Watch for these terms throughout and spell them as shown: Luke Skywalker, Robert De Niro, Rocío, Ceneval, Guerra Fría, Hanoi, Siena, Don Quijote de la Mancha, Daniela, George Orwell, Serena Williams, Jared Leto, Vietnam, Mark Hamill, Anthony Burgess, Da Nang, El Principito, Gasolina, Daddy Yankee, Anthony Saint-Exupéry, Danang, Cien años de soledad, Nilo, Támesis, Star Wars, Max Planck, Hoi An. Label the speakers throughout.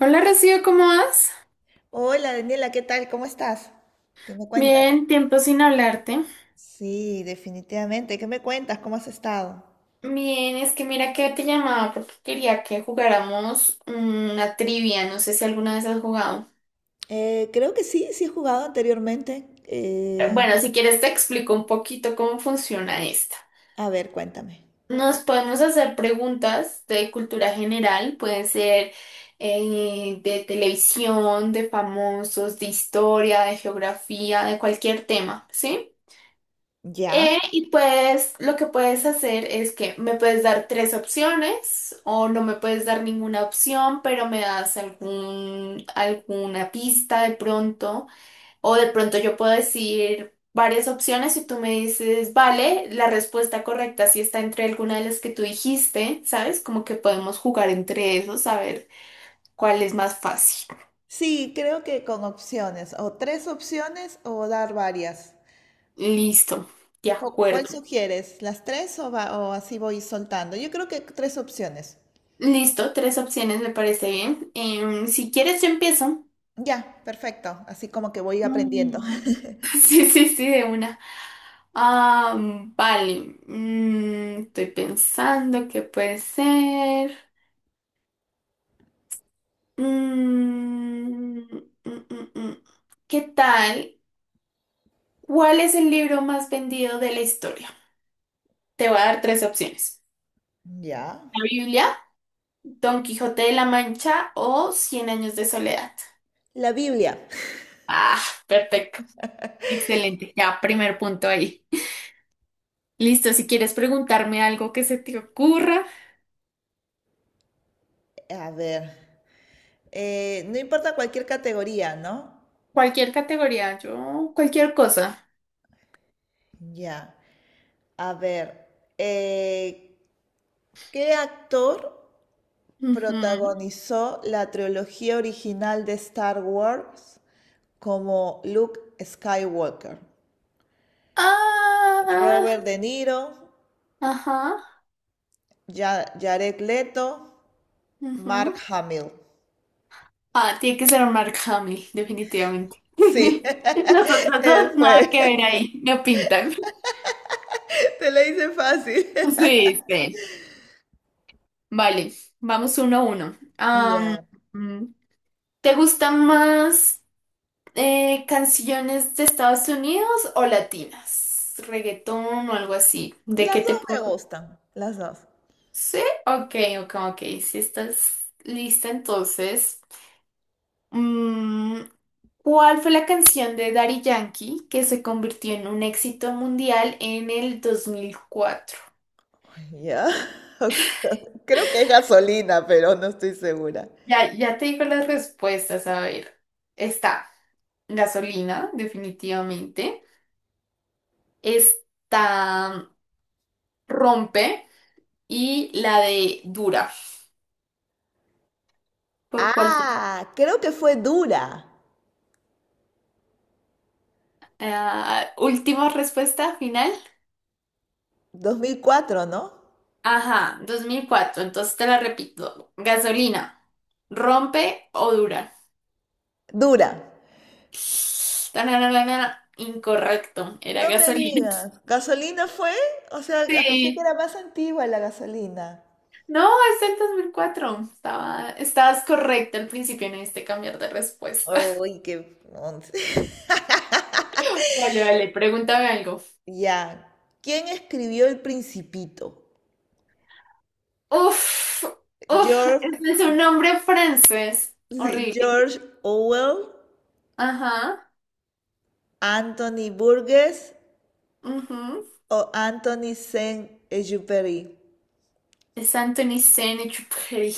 Speaker 1: Hola Rocío, ¿cómo vas?
Speaker 2: Hola Daniela, ¿qué tal? ¿Cómo estás? ¿Qué me cuentas?
Speaker 1: Bien, tiempo sin hablarte.
Speaker 2: Sí, definitivamente. ¿Qué me cuentas? ¿Cómo has estado?
Speaker 1: Bien, es que mira que te llamaba porque quería que jugáramos una trivia, no sé si alguna vez has jugado.
Speaker 2: Creo que sí, sí he jugado anteriormente.
Speaker 1: Eh, Bueno, si quieres te explico un poquito cómo funciona esta.
Speaker 2: A ver, cuéntame.
Speaker 1: Nos podemos hacer preguntas de cultura general, pueden ser de televisión, de famosos, de historia, de geografía, de cualquier tema, ¿sí?
Speaker 2: ¿Ya?
Speaker 1: Y pues lo que puedes hacer es que me puedes dar tres opciones o no me puedes dar ninguna opción, pero me das alguna pista de pronto o de pronto yo puedo decir varias opciones y tú me dices, vale, la respuesta correcta sí está entre alguna de las que tú dijiste, ¿sabes? Como que podemos jugar entre esos a ver cuál es más fácil.
Speaker 2: Sí, creo que con opciones, o tres opciones o dar varias.
Speaker 1: Listo, de
Speaker 2: ¿Cuál
Speaker 1: acuerdo.
Speaker 2: sugieres? ¿Las tres o, o así voy soltando? Yo creo que tres opciones.
Speaker 1: Listo, tres opciones me parece bien. Si quieres yo empiezo.
Speaker 2: Ya, perfecto. Así como que voy aprendiendo.
Speaker 1: Mm, Sí, sí, sí, de una. Ah, vale. Estoy pensando qué puede ser. Mm, mm, mm, mm. mm. ¿Qué tal? ¿Cuál es el libro más vendido de la historia? Te voy a dar tres opciones.
Speaker 2: Ya.
Speaker 1: La Biblia, Don Quijote de la Mancha o Cien años de soledad.
Speaker 2: La Biblia.
Speaker 1: Ah, perfecto. Excelente. Ya, primer punto ahí. Listo, si quieres preguntarme algo que se te ocurra.
Speaker 2: A ver. No importa cualquier categoría, ¿no?
Speaker 1: Cualquier categoría, yo, cualquier cosa.
Speaker 2: Ya. A ver, eh, ¿qué actor
Speaker 1: Ujú.
Speaker 2: protagonizó la trilogía original de Star Wars como Luke Skywalker? Robert
Speaker 1: Ah,
Speaker 2: De Niro,
Speaker 1: ajá,
Speaker 2: Jared Leto, Mark
Speaker 1: ujú.
Speaker 2: Hamill.
Speaker 1: Ah, tiene que ser Mark Hamill, definitivamente.
Speaker 2: Sí,
Speaker 1: Las otras dos, nada
Speaker 2: fue.
Speaker 1: que ver ahí, no pintan.
Speaker 2: Te la hice fácil.
Speaker 1: Sí, sí. Vale, vamos uno a uno.
Speaker 2: Ya.
Speaker 1: Mm, ¿Te gustan más canciones de Estados Unidos o latinas? ¿Reggaetón o algo así? ¿De qué
Speaker 2: Las dos
Speaker 1: te
Speaker 2: me gustan, las dos.
Speaker 1: Sí, ok, ok, ok. Si estás lista, entonces, mm, ¿cuál fue la canción de Daddy Yankee que se convirtió en un éxito mundial en el 2004?
Speaker 2: Ya. Oxo- Creo que es gasolina, pero no estoy segura.
Speaker 1: Ya, ya te digo las respuestas, a ver. Está Gasolina, definitivamente. Está Rompe y la de Dura. ¿Por cuál? Te-
Speaker 2: Ah, creo que fue Dura.
Speaker 1: Ah, última respuesta final.
Speaker 2: 2004, ¿no?
Speaker 1: Ajá, 2004. Entonces te la repito. Gasolina. ¿Rompe o dura?
Speaker 2: Dura.
Speaker 1: Tananana, incorrecto. Era
Speaker 2: No me
Speaker 1: gasolina.
Speaker 2: digas. ¿Gasolina fue? O sea, pensé que
Speaker 1: Sí.
Speaker 2: era más antigua la gasolina.
Speaker 1: No, es el 2004. Estabas correcta al principio, no diste cambiar de respuesta.
Speaker 2: Uy, once.
Speaker 1: Vale, vale, pregúntame algo.
Speaker 2: Ya. ¿Quién escribió El Principito?
Speaker 1: Uf, uf,
Speaker 2: George,
Speaker 1: ese es un nombre francés.
Speaker 2: sí,
Speaker 1: Horrible.
Speaker 2: George Orwell,
Speaker 1: Ajá.
Speaker 2: Anthony Burgess
Speaker 1: Ujú.
Speaker 2: o Anthony Saint-Exupéry.
Speaker 1: Es Anthony Saint-Exupéry.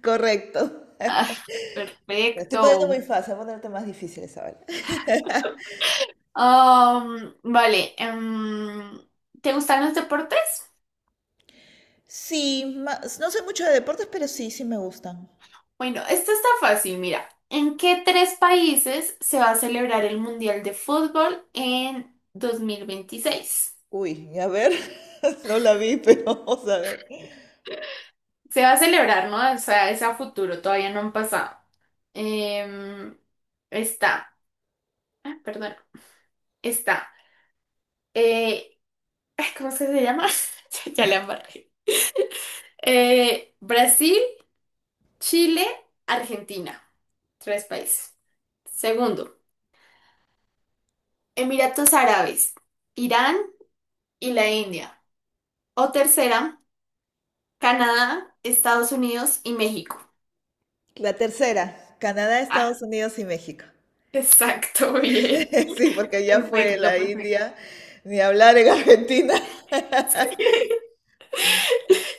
Speaker 2: Correcto.
Speaker 1: Ah,
Speaker 2: Lo estoy poniendo muy
Speaker 1: perfecto.
Speaker 2: fácil, voy a ponerte más difíciles ahora.
Speaker 1: Vale, ¿te gustan los deportes?
Speaker 2: Sí, no sé mucho de deportes, pero sí, sí me gustan.
Speaker 1: Bueno, esto está fácil, mira. ¿En qué tres países se va a celebrar el Mundial de Fútbol en 2026?
Speaker 2: Uy, a ver, no la vi, pero vamos a ver.
Speaker 1: Se va a celebrar, ¿no? O sea, es a futuro, todavía no han pasado. Em, Está, ah, perdón, está. eh, ¿Cómo es que se llama? Ya, ya la embarré. Brasil, Chile, Argentina. Tres países. Segundo. Emiratos Árabes, Irán y la India. O tercera, Canadá, Estados Unidos y México.
Speaker 2: La tercera, Canadá,
Speaker 1: Ah,
Speaker 2: Estados Unidos y México.
Speaker 1: exacto, bien.
Speaker 2: Sí, porque ya fue
Speaker 1: Perfecto,
Speaker 2: la
Speaker 1: perfecto.
Speaker 2: India, ni hablar en Argentina.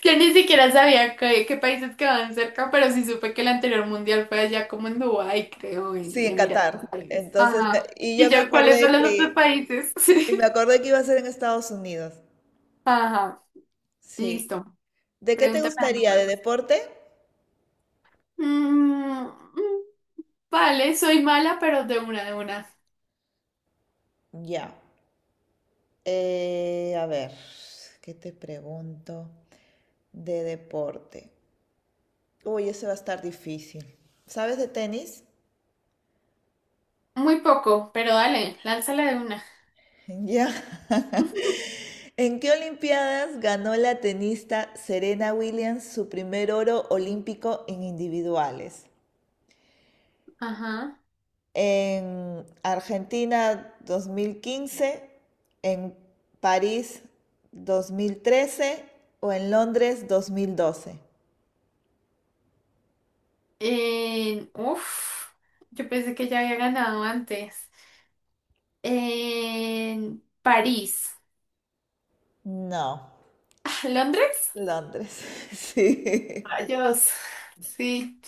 Speaker 1: Yo ni siquiera sabía qué, qué países quedaban cerca, pero sí supe que el anterior mundial fue allá como en Dubái, creo,
Speaker 2: Sí,
Speaker 1: en
Speaker 2: en
Speaker 1: Emiratos
Speaker 2: Qatar.
Speaker 1: Árabes.
Speaker 2: Entonces,
Speaker 1: Ajá. ¿Y yo cuáles son los otros países? Sí.
Speaker 2: y me acordé que iba a ser en Estados Unidos.
Speaker 1: Ajá,
Speaker 2: Sí.
Speaker 1: listo.
Speaker 2: ¿De qué te
Speaker 1: Pregúntame nada
Speaker 2: gustaría? ¿De
Speaker 1: más.
Speaker 2: deporte?
Speaker 1: Mm, mm, vale, soy mala, pero de una, de una.
Speaker 2: Ya. A ver, ¿qué te pregunto? De deporte. Uy, ese va a estar difícil. ¿Sabes de tenis?
Speaker 1: Muy poco, pero dale, lánzala de una.
Speaker 2: Ya. ¿En qué Olimpiadas ganó la tenista Serena Williams su primer oro olímpico en individuales?
Speaker 1: Ajá.
Speaker 2: En Argentina 2015, en París 2013 o en Londres 2012.
Speaker 1: En- uf, yo pensé que ya había ganado antes. En París.
Speaker 2: No,
Speaker 1: Ah, ¿Londres?
Speaker 2: Londres, sí.
Speaker 1: Rayos. Sí,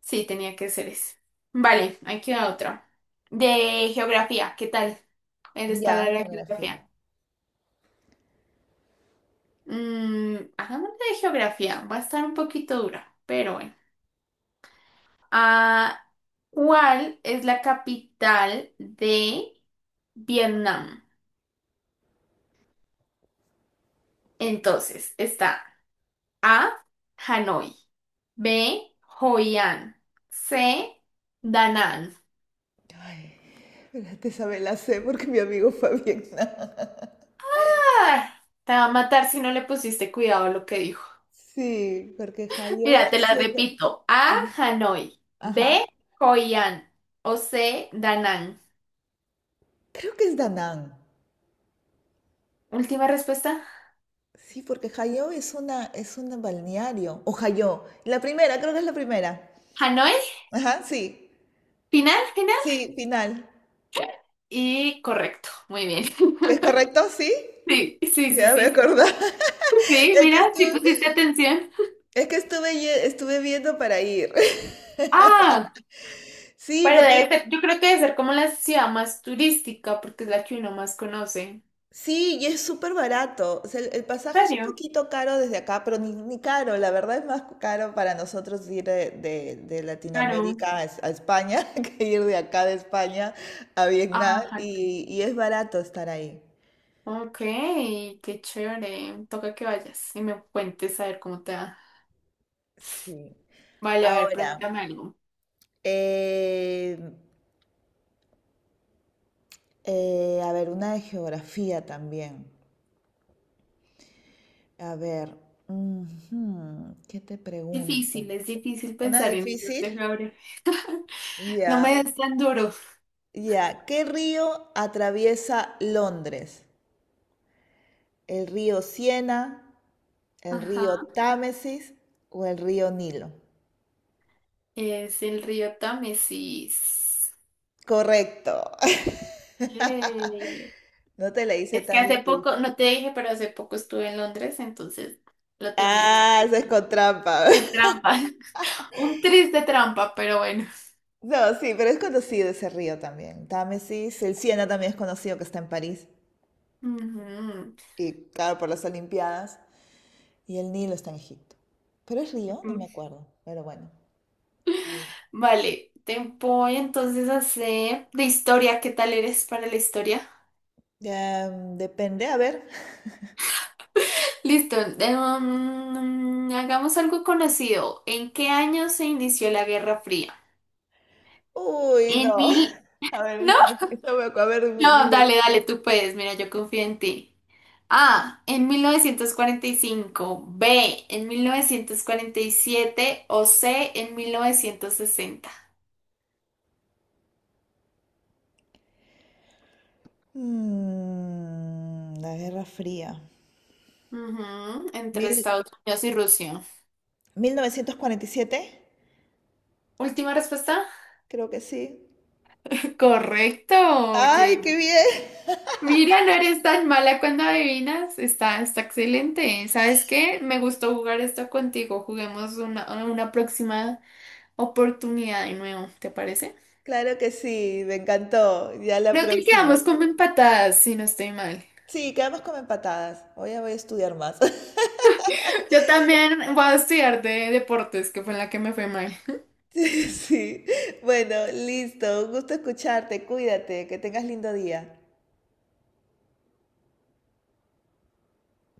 Speaker 1: sí, tenía que ser eso. Vale, aquí va otro. De geografía, ¿qué tal? Eres para
Speaker 2: Ya,
Speaker 1: la
Speaker 2: geografía.
Speaker 1: geografía. Hagámosle de geografía. Va a estar un poquito dura, pero bueno. Ah, ¿cuál es la capital de Vietnam? Entonces, está A, Hanoi, B, Hoi An, C, Da Nang.
Speaker 2: Ay, espérate, esa me la sé porque mi amigo fue a Vietnam.
Speaker 1: Ay, te va a matar si no le pusiste cuidado a lo que dijo.
Speaker 2: Sí, porque Hayo
Speaker 1: Mira, te
Speaker 2: es
Speaker 1: la
Speaker 2: una...
Speaker 1: repito. A, Hanoi,
Speaker 2: Ajá.
Speaker 1: B, Hoi An o C, Da Nang.
Speaker 2: Creo que es Danang.
Speaker 1: Última respuesta.
Speaker 2: Sí, porque Hayo es un balneario. O Hayo. La primera, creo que es la primera.
Speaker 1: Hanoi,
Speaker 2: Ajá, sí.
Speaker 1: final, final.
Speaker 2: Sí, final.
Speaker 1: Y correcto, muy bien.
Speaker 2: ¿Es correcto? Sí.
Speaker 1: Sí, sí, sí,
Speaker 2: Ya me
Speaker 1: sí.
Speaker 2: acordaba.
Speaker 1: Sí,
Speaker 2: Es que
Speaker 1: mira, sí
Speaker 2: estuve,
Speaker 1: pusiste atención.
Speaker 2: es que estuve, ye- estuve viendo para ir.
Speaker 1: Ah,
Speaker 2: Sí,
Speaker 1: pero
Speaker 2: porque
Speaker 1: debe ser, yo creo que debe ser como la ciudad más turística, porque es la que uno más conoce. ¿En
Speaker 2: sí, y es súper barato. O sea, el pasaje es un
Speaker 1: serio?
Speaker 2: poquito caro desde acá, pero ni caro. La verdad es más caro para nosotros ir de
Speaker 1: Claro.
Speaker 2: Latinoamérica a a España que ir de acá de España a Vietnam.
Speaker 1: Ajá. Sí.
Speaker 2: Y es barato estar ahí.
Speaker 1: Ok, qué chévere. Toca que vayas y me cuentes a ver cómo te va.
Speaker 2: Sí.
Speaker 1: Vale, a ver, pregúntame
Speaker 2: Ahora,
Speaker 1: algo.
Speaker 2: eh, a ver, una de geografía también. A ver, ujú, ¿qué te pregunto?
Speaker 1: Difícil, es difícil
Speaker 2: ¿Una
Speaker 1: pensar en eso,
Speaker 2: difícil?
Speaker 1: Gabriel. No
Speaker 2: Ya.
Speaker 1: me des tan duro.
Speaker 2: Ya, ¿qué río atraviesa Londres? ¿El río Siena, el
Speaker 1: Ajá.
Speaker 2: río Támesis o el río Nilo?
Speaker 1: Es el río Támesis.
Speaker 2: Correcto.
Speaker 1: Yay.
Speaker 2: No te la hice
Speaker 1: Es que
Speaker 2: tan
Speaker 1: hace
Speaker 2: difícil.
Speaker 1: poco, no te dije, pero hace poco estuve en Londres, entonces lo tenía aquí.
Speaker 2: Ah, eso es con trampa.
Speaker 1: Es trampa, un triste trampa, pero bueno.
Speaker 2: No, sí, pero es conocido ese río también. Támesis, el Siena también es conocido que está en París.
Speaker 1: Ujú.
Speaker 2: Y claro, por las Olimpiadas. Y el Nilo está en Egipto. ¿Pero es río? No me acuerdo. Pero bueno.
Speaker 1: Vale, te voy entonces a hacer de historia. ¿Qué tal eres para la historia?
Speaker 2: Ya, depende. A ver.
Speaker 1: Listo, hagamos algo conocido. ¿En qué año se inició la Guerra Fría?
Speaker 2: Uy,
Speaker 1: En
Speaker 2: no.
Speaker 1: mil...
Speaker 2: A ver, A ver,
Speaker 1: No,
Speaker 2: dime.
Speaker 1: dale, dale, tú puedes, mira, yo confío en ti. A, en 1945, B, en 1947 o C, en 1960.
Speaker 2: La Guerra Fría.
Speaker 1: Ujú, entre
Speaker 2: Mil-
Speaker 1: Estados Unidos y Rusia.
Speaker 2: 1947,
Speaker 1: Última respuesta.
Speaker 2: creo que sí.
Speaker 1: Correcto,
Speaker 2: ¡Ay,
Speaker 1: oye.
Speaker 2: qué bien!
Speaker 1: Mira, no eres tan mala cuando adivinas. Está, está excelente. ¿Sabes qué? Me gustó jugar esto contigo. Juguemos una próxima oportunidad de nuevo, ¿te parece?
Speaker 2: Claro que sí, me encantó. Ya la
Speaker 1: Creo que
Speaker 2: próxima.
Speaker 1: quedamos como empatadas, si no estoy mal.
Speaker 2: Sí, quedamos como empatadas. Hoy ya voy a estudiar más.
Speaker 1: Yo también voy a estudiar de deportes, que fue en la que me fue mal.
Speaker 2: Sí, sí. Bueno, listo. Un gusto escucharte. Cuídate. Que tengas lindo día.